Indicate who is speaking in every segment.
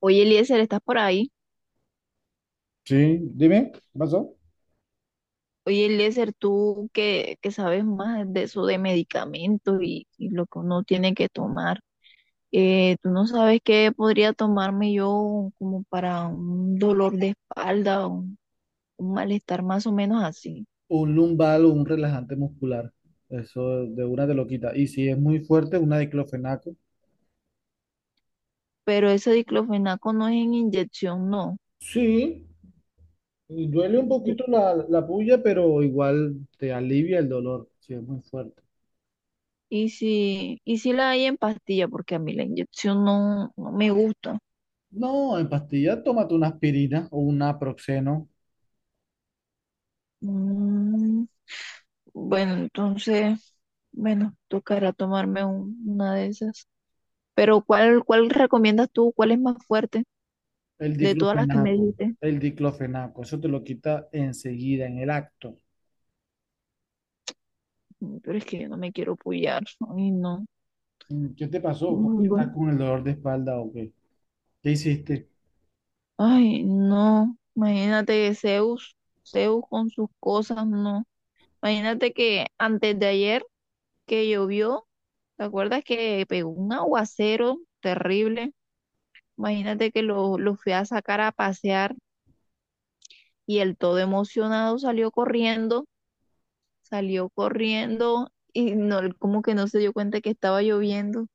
Speaker 1: Oye, Eliezer, ¿estás por ahí?
Speaker 2: Sí, dime, ¿qué pasó?
Speaker 1: Oye, Eliezer, tú que sabes más de eso de medicamentos y lo que uno tiene que tomar, ¿tú no sabes qué podría tomarme yo como para un dolor de espalda, un malestar más o menos así?
Speaker 2: Un lumbal o un relajante muscular. Eso de una te lo quita. Y si es muy fuerte, una diclofenaco.
Speaker 1: Pero ese diclofenaco no es en inyección, no.
Speaker 2: Sí, y duele un poquito la puya, pero igual te alivia el dolor si es muy fuerte.
Speaker 1: Y si la hay en pastilla, porque a mí la inyección no, no me gusta.
Speaker 2: No, en pastilla, tómate una aspirina o un naproxeno.
Speaker 1: Mm, bueno, entonces. Bueno, tocará tomarme una de esas. Pero ¿cuál recomiendas tú? ¿Cuál es más fuerte
Speaker 2: El
Speaker 1: de todas las que me
Speaker 2: diclofenaco,
Speaker 1: dijiste?
Speaker 2: el diclofenaco, eso te lo quita enseguida, en el acto.
Speaker 1: Mm. Pero es que yo no me quiero pullar. Ay, no.
Speaker 2: Mm, ¿qué te pasó? ¿Por qué
Speaker 1: Mm,
Speaker 2: estás
Speaker 1: bueno.
Speaker 2: con el dolor de espalda o qué? ¿Qué hiciste?
Speaker 1: Ay, no. Imagínate Zeus, Zeus con sus cosas, no. Imagínate que antes de ayer que llovió, ¿te acuerdas que pegó un aguacero terrible? Imagínate que lo fui a sacar a pasear y él todo emocionado salió corriendo y no, él como que no se dio cuenta que estaba lloviendo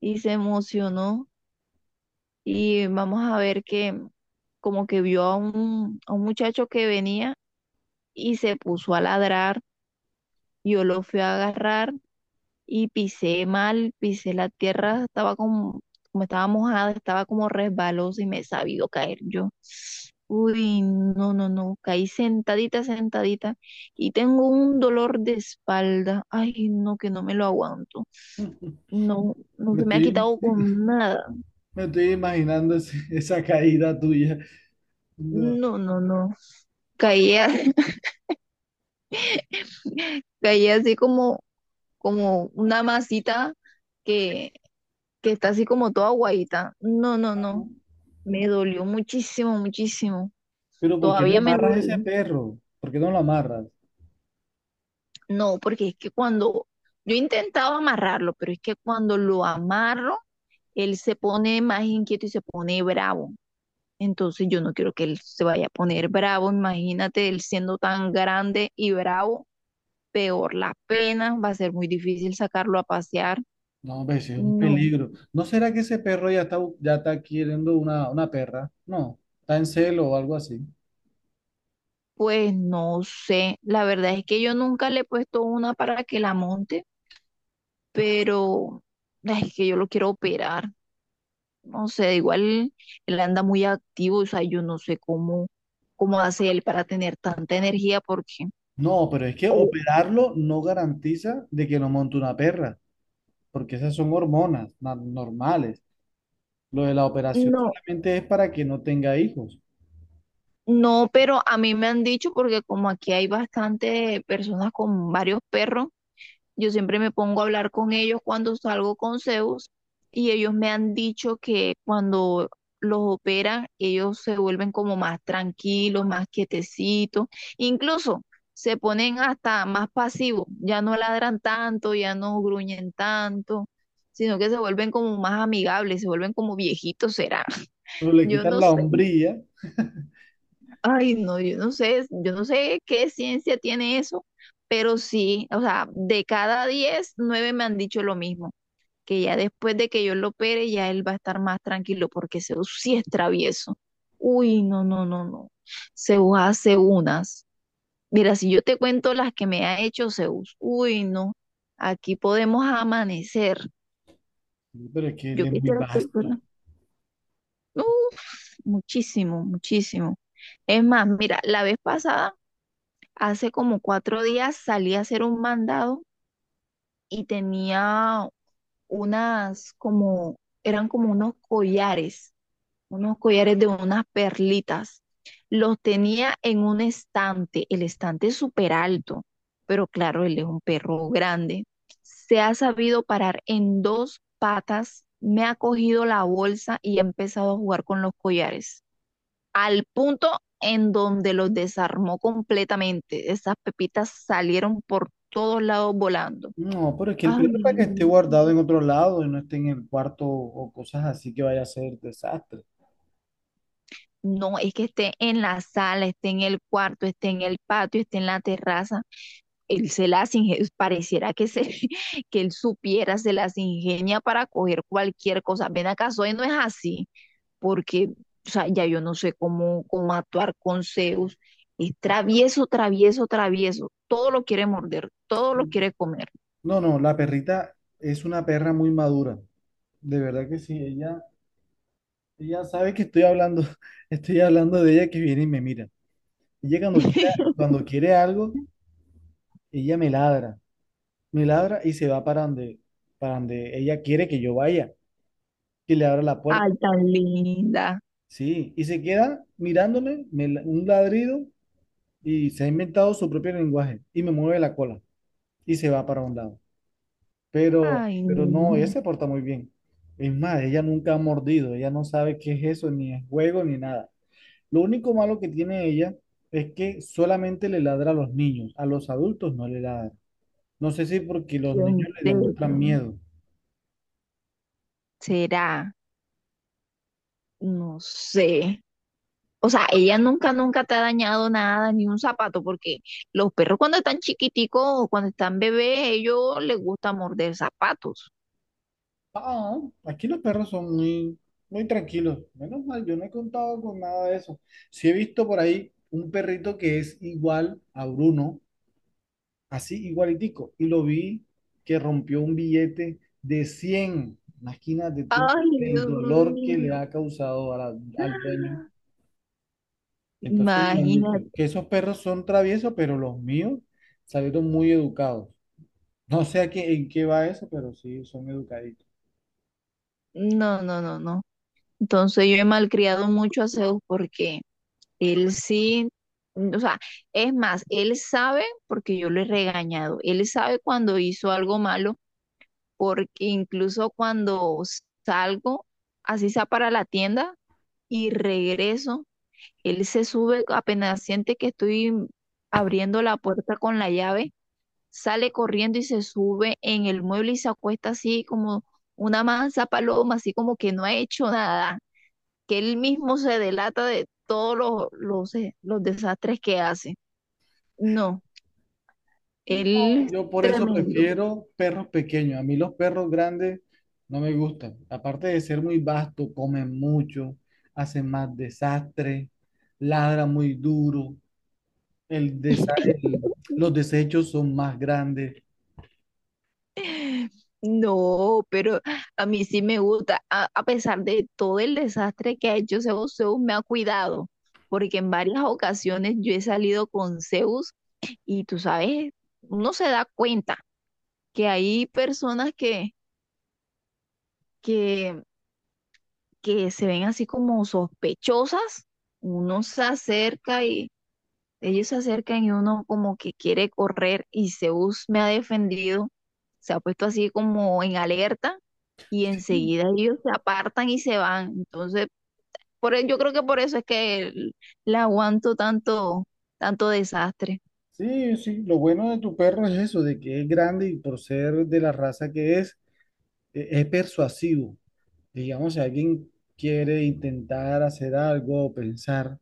Speaker 1: y se emocionó y vamos a ver que como que vio a a un muchacho que venía y se puso a ladrar, yo lo fui a agarrar y pisé mal, pisé la tierra, estaba como estaba mojada, estaba como resbalosa y me he sabido caer yo. Uy, no, no, no, caí sentadita, sentadita y tengo un dolor de espalda. Ay, no, que no me lo aguanto. No, no
Speaker 2: Me
Speaker 1: se me ha
Speaker 2: estoy
Speaker 1: quitado con nada.
Speaker 2: Me estoy imaginando esa caída tuya. No,
Speaker 1: No, no, no. Caí, caí así como una masita que, que está así como toda guayita. No, no, no.
Speaker 2: no.
Speaker 1: Me dolió muchísimo, muchísimo.
Speaker 2: Pero ¿por qué no
Speaker 1: Todavía me
Speaker 2: amarras
Speaker 1: duele.
Speaker 2: ese perro? ¿Por qué no lo amarras?
Speaker 1: No, porque es que cuando yo he intentado amarrarlo, pero es que cuando lo amarro, él se pone más inquieto y se pone bravo. Entonces yo no quiero que él se vaya a poner bravo. Imagínate él siendo tan grande y bravo, peor la pena, va a ser muy difícil sacarlo a pasear.
Speaker 2: No, pues es un
Speaker 1: No.
Speaker 2: peligro. ¿No será que ese perro ya está, ya está queriendo una perra? No, está en celo o algo así.
Speaker 1: Pues no sé, la verdad es que yo nunca le he puesto una para que la monte, pero ay, es que yo lo quiero operar. No sé, igual él anda muy activo, o sea, yo no sé cómo hace él para tener tanta energía, porque,
Speaker 2: No, pero es que
Speaker 1: o
Speaker 2: operarlo no garantiza de que no monte una perra, porque esas son hormonas normales. Lo de la operación
Speaker 1: no,
Speaker 2: solamente es para que no tenga hijos.
Speaker 1: no, pero a mí me han dicho, porque como aquí hay bastante personas con varios perros, yo siempre me pongo a hablar con ellos cuando salgo con Zeus y ellos me han dicho que cuando los operan, ellos se vuelven como más tranquilos, más quietecitos, incluso se ponen hasta más pasivos, ya no ladran tanto, ya no gruñen tanto, sino que se vuelven como más amigables, se vuelven como viejitos, será.
Speaker 2: Pero le
Speaker 1: Yo
Speaker 2: quitan
Speaker 1: no
Speaker 2: la
Speaker 1: sé,
Speaker 2: hombría,
Speaker 1: ay no, yo no sé qué ciencia tiene eso, pero sí, o sea, de cada 10 9 me han dicho lo mismo que ya después de que yo lo opere, ya él va a estar más tranquilo, porque Zeus sí es travieso. Uy, no, no, no, no. Zeus hace unas. Mira, si yo te cuento las que me ha hecho Zeus, uy, no, aquí podemos amanecer.
Speaker 2: pero es que él
Speaker 1: Yo
Speaker 2: es muy
Speaker 1: quisiera que
Speaker 2: vasto.
Speaker 1: fuera- Uf, muchísimo, muchísimo. Es más, mira, la vez pasada, hace como 4 días, salí a hacer un mandado y tenía unas como, eran como unos collares de unas perlitas. Los tenía en un estante, el estante es súper alto, pero claro, él es un perro grande. Se ha sabido parar en dos patas, me ha cogido la bolsa y ha empezado a jugar con los collares, al punto en donde los desarmó completamente. Esas pepitas salieron por todos lados volando.
Speaker 2: No, pero es que el
Speaker 1: Ay,
Speaker 2: peor es para que esté guardado en otro lado y no esté en el cuarto o cosas así que vaya a ser desastre.
Speaker 1: no, es que esté en la sala, esté en el cuarto, esté en el patio, esté en la terraza. Él se las ingenia, pareciera que, se, que él supiera, se las ingenia para coger cualquier cosa. Ven acá, soy no es así, porque o sea, ya yo no sé cómo actuar con Zeus. Es travieso, travieso, travieso. Todo lo quiere morder, todo lo quiere comer.
Speaker 2: No, no, la perrita es una perra muy madura. De verdad que sí, ella sabe que estoy hablando, estoy hablando de ella que viene y me mira. Ella cuando quiera, Cuando quiere algo, ella me ladra y se va para donde ella quiere que yo vaya, que le abra la
Speaker 1: Ay,
Speaker 2: puerta.
Speaker 1: tan linda.
Speaker 2: Sí, y se queda mirándome, un ladrido y se ha inventado su propio lenguaje y me mueve la cola y se va para un lado. Pero,
Speaker 1: Ay,
Speaker 2: pero no, ella
Speaker 1: niña.
Speaker 2: se porta muy bien. Es más, ella nunca ha mordido, ella no sabe qué es eso, ni es juego, ni nada. Lo único malo que tiene ella es que solamente le ladra a los niños, a los adultos no le ladra. No sé si porque los niños
Speaker 1: En
Speaker 2: le demuestran
Speaker 1: serio.
Speaker 2: miedo.
Speaker 1: Será, no sé. O sea, ella nunca, nunca te ha dañado nada, ni un zapato, porque los perros cuando están chiquiticos o cuando están bebés, ellos les gusta morder zapatos.
Speaker 2: Ah, aquí los perros son muy tranquilos. Menos mal, yo no he contado con nada de eso. Sí he visto por ahí un perrito que es igual a Bruno, así igualitico. Y lo vi que rompió un billete de 100. Imagínate tú
Speaker 1: Ay,
Speaker 2: el
Speaker 1: Dios
Speaker 2: dolor que le
Speaker 1: mío.
Speaker 2: ha causado a al dueño. Entonces me han dicho
Speaker 1: Imagínate.
Speaker 2: que esos perros son traviesos, pero los míos salieron muy educados. No sé a qué, en qué va eso, pero sí son educaditos.
Speaker 1: No, no, no, no. Entonces yo he malcriado mucho a Zeus porque él sí, o sea, es más, él sabe porque yo lo he regañado. Él sabe cuando hizo algo malo, porque incluso cuando salgo, así sea para la tienda, y regreso. Él se sube, apenas siente que estoy abriendo la puerta con la llave, sale corriendo y se sube en el mueble y se acuesta así como una mansa paloma, así como que no ha hecho nada, que él mismo se delata de todos los desastres que hace. No,
Speaker 2: No,
Speaker 1: él es
Speaker 2: yo por eso
Speaker 1: tremendo.
Speaker 2: prefiero perros pequeños. A mí los perros grandes no me gustan. Aparte de ser muy vasto, comen mucho, hacen más desastre, ladran muy duro. El desa- el- los desechos son más grandes.
Speaker 1: No, pero a mí sí me gusta. A pesar de todo el desastre que ha hecho Zeus, Zeus me ha cuidado, porque en varias ocasiones yo he salido con Zeus y tú sabes, uno se da cuenta que hay personas que, que se ven así como sospechosas, uno se acerca y, ellos se acercan y uno como que quiere correr y Zeus me ha defendido, se ha puesto así como en alerta y
Speaker 2: Sí,
Speaker 1: enseguida ellos se apartan y se van. Entonces, yo creo que por eso es que le aguanto tanto, tanto desastre.
Speaker 2: sí, sí. Lo bueno de tu perro es eso, de que es grande y por ser de la raza que es, es persuasivo. Digamos, si alguien quiere intentar hacer algo o pensar,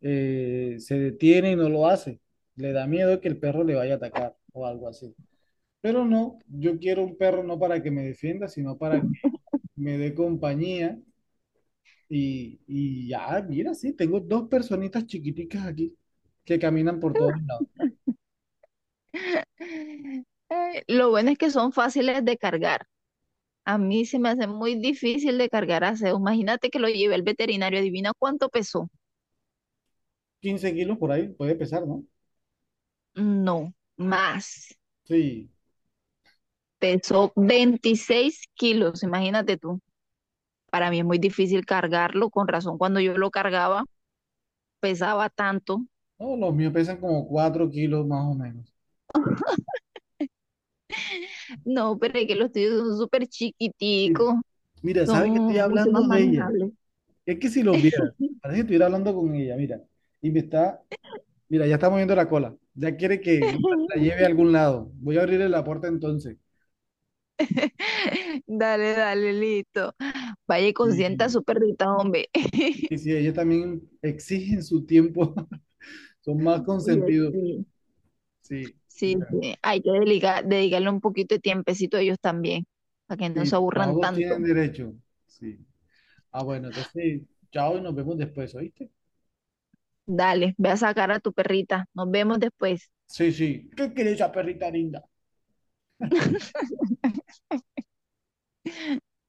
Speaker 2: se detiene y no lo hace. Le da miedo que el perro le vaya a atacar o algo así. Pero no, yo quiero un perro no para que me defienda, sino para que me dé compañía. Y ya, mira, sí, tengo dos personitas chiquiticas aquí que caminan por todos lados.
Speaker 1: Lo bueno es que son fáciles de cargar. A mí se me hace muy difícil de cargar a Zeus. Imagínate que lo llevé al veterinario. Adivina cuánto pesó.
Speaker 2: 15 kilos por ahí puede pesar, ¿no?
Speaker 1: No, más.
Speaker 2: Sí.
Speaker 1: Pesó 26 kilos, imagínate tú. Para mí es muy difícil cargarlo, con razón cuando yo lo cargaba pesaba tanto.
Speaker 2: No, los míos pesan como 4 kilos más o menos.
Speaker 1: No, pero es que los tuyos son súper
Speaker 2: Mira,
Speaker 1: chiquiticos,
Speaker 2: mira,
Speaker 1: son
Speaker 2: ¿sabes que estoy
Speaker 1: mucho más
Speaker 2: hablando de ella?
Speaker 1: manejables.
Speaker 2: Es que si lo vieras, parece que estuviera hablando con ella, mira. Y me está, mira, ya está moviendo la cola. Ya quiere que la lleve a algún lado. Voy a abrirle la puerta entonces.
Speaker 1: Dale, dale, listo. Vaya y consienta a
Speaker 2: Y,
Speaker 1: su perrita, hombre.
Speaker 2: y si ella también exigen su tiempo, son más
Speaker 1: Oye,
Speaker 2: consentidos.
Speaker 1: sí.
Speaker 2: Sí.
Speaker 1: Sí,
Speaker 2: Bueno,
Speaker 1: sí. Hay que dedicarle un poquito de tiempecito a ellos también, para que no se
Speaker 2: sí,
Speaker 1: aburran
Speaker 2: todos tienen
Speaker 1: tanto.
Speaker 2: derecho. Sí. Ah, bueno, entonces, chao y nos vemos después, ¿oíste?
Speaker 1: Dale, ve a sacar a tu perrita. Nos vemos después.
Speaker 2: Sí, sí. ¿Qué querés, esa perrita linda?